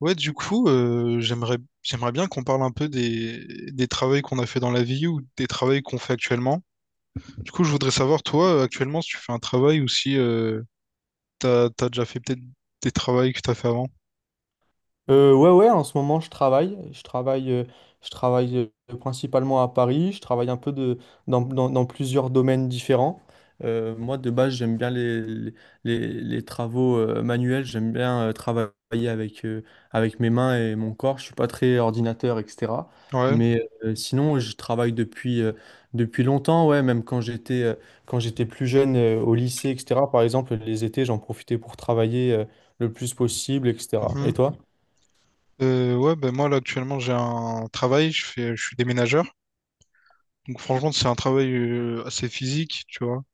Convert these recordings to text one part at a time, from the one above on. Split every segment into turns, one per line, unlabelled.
Ouais, du coup, j'aimerais bien qu'on parle un peu des travails qu'on a fait dans la vie ou des travails qu'on fait actuellement. Du coup, je voudrais savoir, toi, actuellement, si tu fais un travail ou si t'as déjà fait peut-être des travails que t'as fait avant.
Ouais, ouais, en ce moment, Je travaille. Je travaille principalement à Paris. Je travaille dans plusieurs domaines différents. Moi, de base, j'aime bien les travaux manuels. J'aime bien travailler avec, euh, avec mes mains et mon corps. Je suis pas très ordinateur, etc.
Ouais.
Mais sinon, je travaille depuis longtemps, ouais, même quand j'étais plus jeune au lycée, etc. Par exemple, les étés, j'en profitais pour travailler le plus possible, etc.
Mhm.
Et toi?
Ouais, ben moi, là, actuellement, j'ai un travail, je suis déménageur. Donc, franchement, c'est un travail assez physique, tu vois.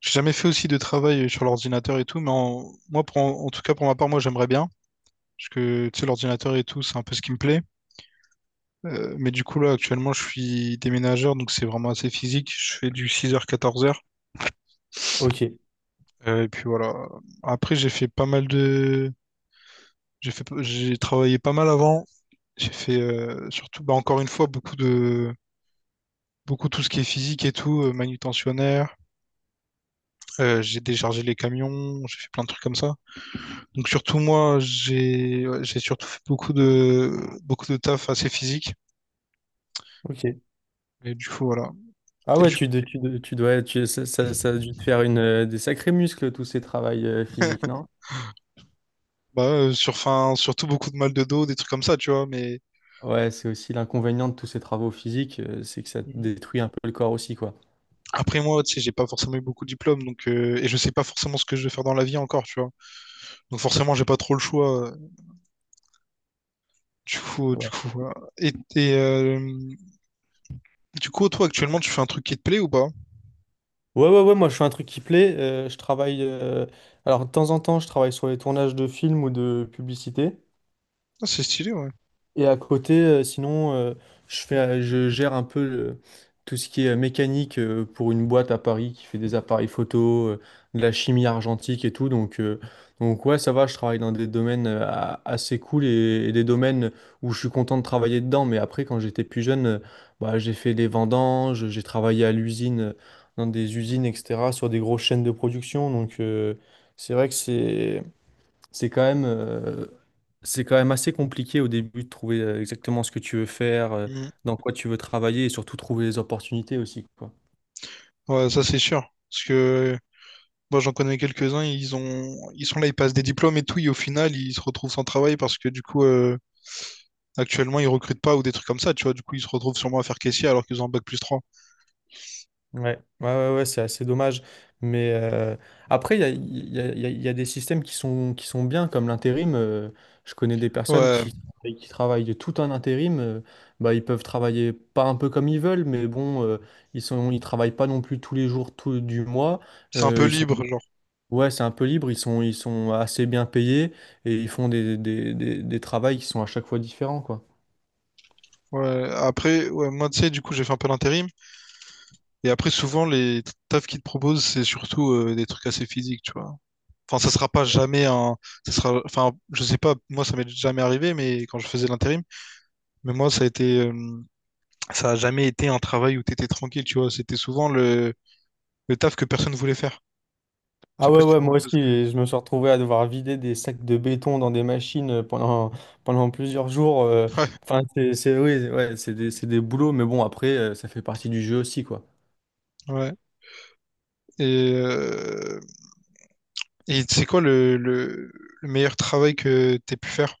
J'ai jamais fait aussi de travail sur l'ordinateur et tout, mais moi, en tout cas, pour ma part, moi, j'aimerais bien. Parce que, tu sais, l'ordinateur et tout, c'est un peu ce qui me plaît. Mais du coup, là, actuellement, je suis déménageur, donc c'est vraiment assez physique. Je fais du 6 h-14 h.
Ok,
Et puis voilà. Après, j'ai fait pas mal de... J'ai fait... j'ai travaillé pas mal avant. J'ai fait surtout, bah, encore une fois, beaucoup tout ce qui est physique et tout, manutentionnaire. J'ai déchargé les camions, j'ai fait plein de trucs comme ça. Donc surtout moi, j'ai ouais, j'ai surtout fait beaucoup de taf assez physique.
ok.
Et du coup voilà.
Ah
Et
ouais, tu, de- tu, de- tu dois, tu, ça a dû te faire des sacrés muscles, tous ces travails physiques, non?
bah, enfin, surtout beaucoup de mal de dos, des trucs comme ça, tu vois. Mais
Ouais, c'est aussi l'inconvénient de tous ces travaux physiques, c'est que ça te détruit un peu le corps aussi, quoi.
après moi, tu sais, j'ai pas forcément eu beaucoup de diplômes, donc et je sais pas forcément ce que je vais faire dans la vie encore, tu vois. Donc forcément, j'ai pas trop le choix. Du coup, euh, du
Ouais,
coup, voilà. Du coup, toi actuellement, tu fais un truc qui te plaît ou pas?
ouais, ouais, ouais, moi je fais un truc qui plaît. Je travaille. Alors, de temps en temps, je travaille sur les tournages de films ou de publicités.
Ah, c'est stylé, ouais.
Et à côté, sinon, je gère un peu tout ce qui est mécanique pour une boîte à Paris qui fait des appareils photo, de la chimie argentique et tout. Donc, ouais, ça va, je travaille dans des domaines assez cool et des domaines où je suis content de travailler dedans. Mais après, quand j'étais plus jeune, bah, j'ai fait des vendanges, j'ai travaillé à l'usine, dans des usines, etc., sur des grosses chaînes de production. Donc, c'est vrai que c'est quand même... euh, c'est quand même assez compliqué au début de trouver exactement ce que tu veux faire,
Mhm.
dans quoi tu veux travailler et surtout trouver les opportunités aussi, quoi.
Ouais, ça c'est sûr, parce que moi j'en connais quelques-uns, ils sont là, ils passent des diplômes et tout, et au final, ils se retrouvent sans travail parce que du coup, actuellement, ils recrutent pas ou des trucs comme ça, tu vois. Du coup, ils se retrouvent sûrement à faire caissier alors qu'ils ont un bac plus trois.
Ouais, ouais, ouais, ouais, c'est assez dommage. Mais après, il y a, il y a- il y a- il y a des systèmes qui sont bien, comme l'intérim. Je connais des personnes
Ouais,
qui travaillent de tout un intérim. Bah, ils peuvent travailler pas un peu comme ils veulent, mais bon, ils travaillent pas non plus tous les jours tout, du mois.
c'est un peu
Ils sont
libre, genre.
Ouais, c'est un peu libre, ils sont assez bien payés et ils font des travails qui sont à chaque fois différents, quoi.
Ouais. Après, ouais, moi, tu sais, du coup, j'ai fait un peu l'intérim. Et après, souvent, les tafs qu'ils te proposent, c'est surtout des trucs assez physiques, tu vois. Enfin, ça sera pas jamais un. Ça sera... Enfin, je sais pas, moi, ça m'est jamais arrivé, mais quand je faisais l'intérim, mais moi, ça a été. Ça a jamais été un travail où t'étais tranquille, tu vois. C'était souvent le taf que personne voulait faire. Je sais
Ah
pas
ouais,
si tu
ouais,
vois un
moi aussi,
peu ce que.
et je me suis retrouvé à devoir vider des sacs de béton dans des machines pendant plusieurs jours.
Ouais,
Enfin, oui, ouais, c'est des boulots, mais bon, après, ça fait partie du jeu aussi, quoi.
ouais. Et, euh... Et c'est quoi le meilleur travail que t'aies pu faire?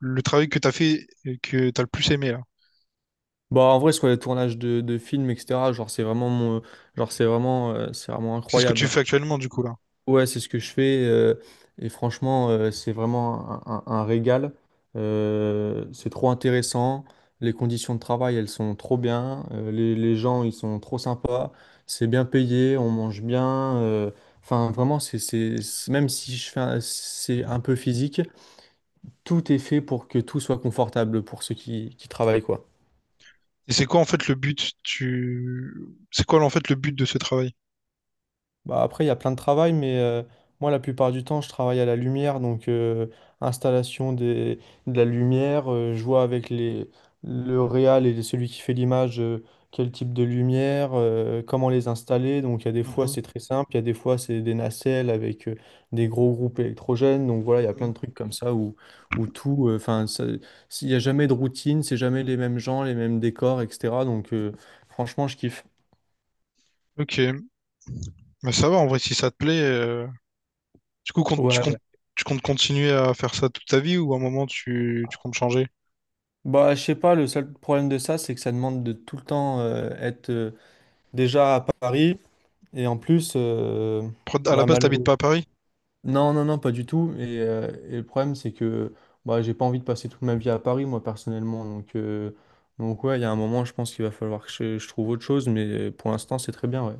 Le travail que t'as fait et que t'as le plus aimé, là.
Bah, en vrai, sur les tournages de films, etc., genre, c'est vraiment
C'est ce que tu
incroyable. Hein.
fais actuellement, du coup, là.
Ouais, c'est ce que je fais. Et franchement, c'est vraiment un régal. C'est trop intéressant. Les conditions de travail, elles sont trop bien. Les gens, ils sont trop sympas. C'est bien payé, on mange bien. Enfin, vraiment, même si je fais un- c'est un peu physique, tout est fait pour que tout soit confortable pour ceux qui travaillent, quoi.
Et c'est quoi en fait le but tu... C'est quoi en fait le but de ce travail?
Bah après, il y a plein de travail, mais moi, la plupart du temps, je travaille à la lumière, donc installation des, de la lumière, je vois avec le réal et celui qui fait l'image, quel type de lumière, comment les installer. Donc il y a des fois,
Mhm,
c'est très simple, il y a des fois, c'est des nacelles avec des gros groupes électrogènes. Donc voilà, il y a plein
mhm.
de trucs comme ça où tout, enfin, il n'y a jamais de routine, c'est jamais les mêmes gens, les mêmes décors, etc. Donc, franchement, je kiffe.
Ok, bah ça va en vrai si ça te plaît. Du coup, tu
Ouais.
comptes, tu comptes continuer à faire ça toute ta vie ou à un moment tu comptes changer?
Bah, je sais pas, le seul problème de ça, c'est que ça demande de tout le temps être déjà à Paris et en plus,
À la
bah,
base, t'habites
malheureux.
pas à Paris?
Non, non, non, pas du tout. Et le problème, c'est que bah, j'ai pas envie de passer toute ma vie à Paris, moi, personnellement. Donc ouais, il y a un moment, je pense qu'il va falloir que je trouve autre chose, mais pour l'instant, c'est très bien, ouais.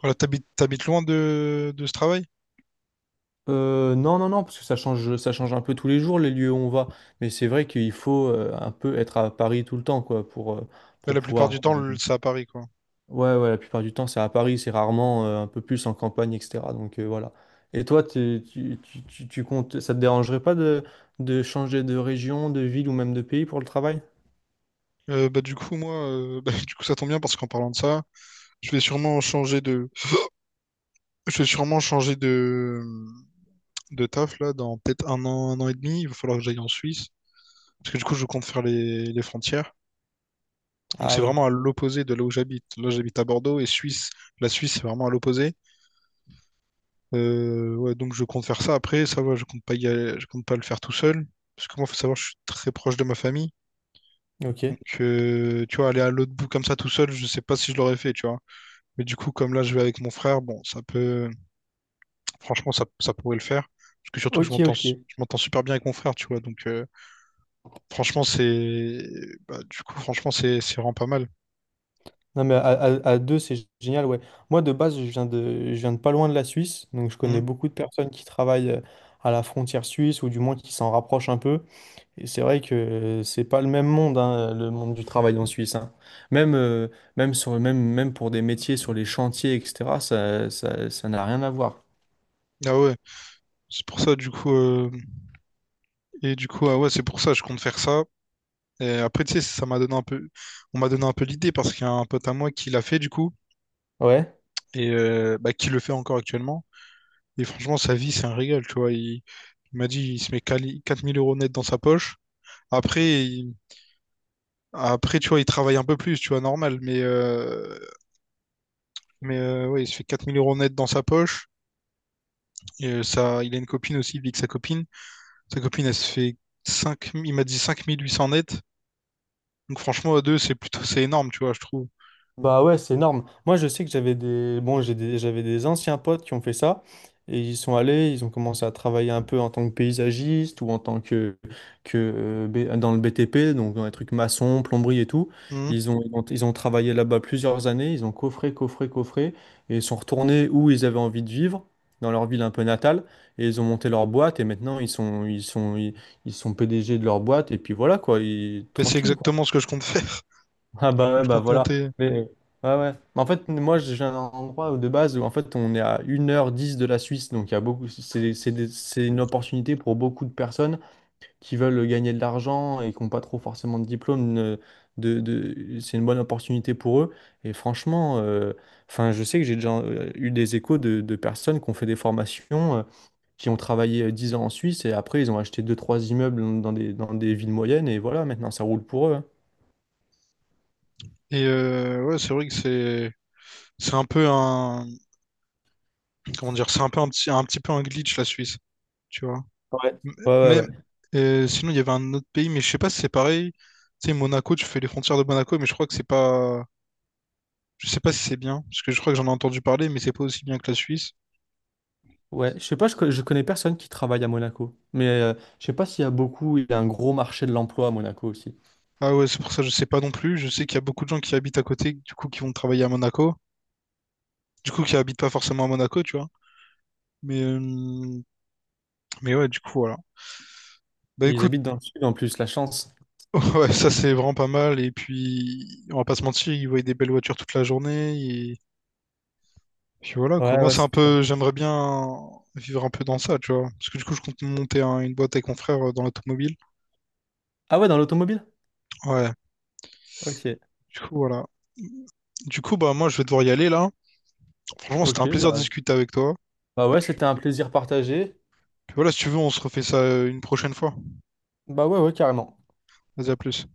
Voilà, t'habites loin de ce travail?
Non, non, non, parce que ça change un peu tous les jours, les lieux où on va. Mais c'est vrai qu'il faut un peu être à Paris tout le temps, quoi, pour, euh,
Ouais,
pour
la plupart
pouvoir.
du temps, c'est à Paris, quoi.
Ouais, ouais, la plupart du temps, c'est à Paris, c'est rarement un peu plus en campagne, etc. Donc, voilà. Et toi, tu comptes, ça te dérangerait pas de changer de région, de ville ou même de pays pour le travail?
Bah, du coup, moi, bah, du coup, ça tombe bien parce qu'en parlant de ça, je vais sûrement changer de, je vais sûrement changer de taf là dans peut-être un an et demi. Il va falloir que j'aille en Suisse parce que du coup, je compte faire les frontières. Donc,
Ah
c'est
ouais,
vraiment à l'opposé de là où j'habite. Là, j'habite à Bordeaux et Suisse, la Suisse, c'est vraiment à l'opposé. Ouais, donc, je compte faire ça après. Ça va, je compte pas le faire tout seul parce que moi, faut savoir, je suis très proche de ma famille.
ok.
Donc, tu vois, aller à l'autre bout comme ça tout seul, je sais pas si je l'aurais fait, tu vois. Mais du coup, comme là, je vais avec mon frère, bon, franchement, ça pourrait le faire. Parce que surtout que
Ok, ok.
je m'entends super bien avec mon frère, tu vois. Donc, franchement, bah, du coup, franchement, c'est vraiment pas mal.
Non mais à deux, c'est génial, ouais. Moi, de base, je viens de pas loin de la Suisse, donc je
Hmm.
connais beaucoup de personnes qui travaillent à la frontière suisse, ou du moins qui s'en rapprochent un peu. Et c'est vrai que c'est pas le même monde, hein, le monde du travail en Suisse. Hein. Même, euh, même pour des métiers sur les chantiers, etc., ça n'a rien à voir.
Ah ouais, c'est pour ça, du coup, et du coup, ah ouais, c'est pour ça, je compte faire ça. Et après, tu sais, ça m'a donné un peu, on m'a donné un peu l'idée parce qu'il y a un pote à moi qui l'a fait, du coup,
Ouais.
et bah, qui le fait encore actuellement. Et franchement, sa vie, c'est un régal, tu vois. Il m'a dit, il se met 4 000 euros net dans sa poche. Après, il Après, tu vois, il travaille un peu plus, tu vois, normal, ouais, il se fait 4 000 euros net dans sa poche. Et ça, il a une copine aussi, il vit avec sa copine. Sa copine, elle se fait il m'a dit 5 800 net. Donc franchement, à deux, c'est énorme, tu vois, je trouve.
Bah ouais, c'est énorme. Moi, je sais que Bon, j'avais des anciens potes qui ont fait ça. Ils ont commencé à travailler un peu en tant que paysagiste ou en tant que B- dans le BTP, donc dans les trucs maçons, plomberie et tout.
Mhm.
Ils ont travaillé là-bas plusieurs années, ils ont coffré, coffré, coffré, et ils sont retournés où ils avaient envie de vivre, dans leur ville un peu natale, et ils ont monté leur boîte, et maintenant ils sont PDG de leur boîte, et puis voilà quoi,
Mais c'est
tranquille.
exactement ce que je compte faire.
Ah
Du
bah
coup,
ouais,
je
bah
compte
voilà.
monter.
Mais ouais, ouais. Mais en fait, moi, j'ai un endroit où, de base où en fait on est à 1h10 de la Suisse, donc il y a beaucoup. C'est une opportunité pour beaucoup de personnes qui veulent gagner de l'argent et qui n'ont pas trop forcément de diplôme. C'est une bonne opportunité pour eux. Et franchement, enfin, je sais que j'ai déjà eu des échos de personnes qui ont fait des formations. Qui ont travaillé 10 ans en Suisse et après ils ont acheté deux trois immeubles dans des villes moyennes et voilà, maintenant ça roule pour eux. Hein.
Et ouais, c'est vrai que c'est un peu un comment dire, c'est un peu un petit peu un glitch la Suisse, tu vois.
Ouais.
M-
Ouais, ouais,
Mais
ouais.
sinon il y avait un autre pays, mais je sais pas si c'est pareil. Tu sais Monaco, tu fais les frontières de Monaco, mais je crois que c'est pas, je sais pas si c'est bien, parce que je crois que j'en ai entendu parler, mais c'est pas aussi bien que la Suisse.
Ouais, je sais pas, je connais personne qui travaille à Monaco. Mais je sais pas s'il y a beaucoup, il y a un gros marché de l'emploi à Monaco aussi.
Ah ouais, c'est pour ça que je sais pas non plus. Je sais qu'il y a beaucoup de gens qui habitent à côté, du coup qui vont travailler à Monaco, du coup qui habitent pas forcément à Monaco, tu vois. Mais euh, mais ouais, du coup voilà. Bah
Et ils
écoute.
habitent dans le sud en plus, la chance.
Ouais, ça c'est vraiment pas mal. Et puis, on va pas se mentir, ils voyaient des belles voitures toute la journée. Et puis voilà, quoi.
Ouais,
Moi,
ouais, c'est sûr.
j'aimerais bien vivre un peu dans ça, tu vois. Parce que du coup, je compte monter une boîte avec mon frère dans l'automobile.
Ah ouais, dans l'automobile?
Ouais,
Ok.
du coup, voilà. Du coup, bah, moi, je vais devoir y aller là. Franchement, c'était
Ok,
un plaisir de
bah.
discuter avec toi.
Bah
Et
ouais,
puis,
c'était un plaisir partagé.
voilà, si tu veux, on se refait ça une prochaine fois.
Bah ouais, ouais, carrément.
Vas-y, à plus.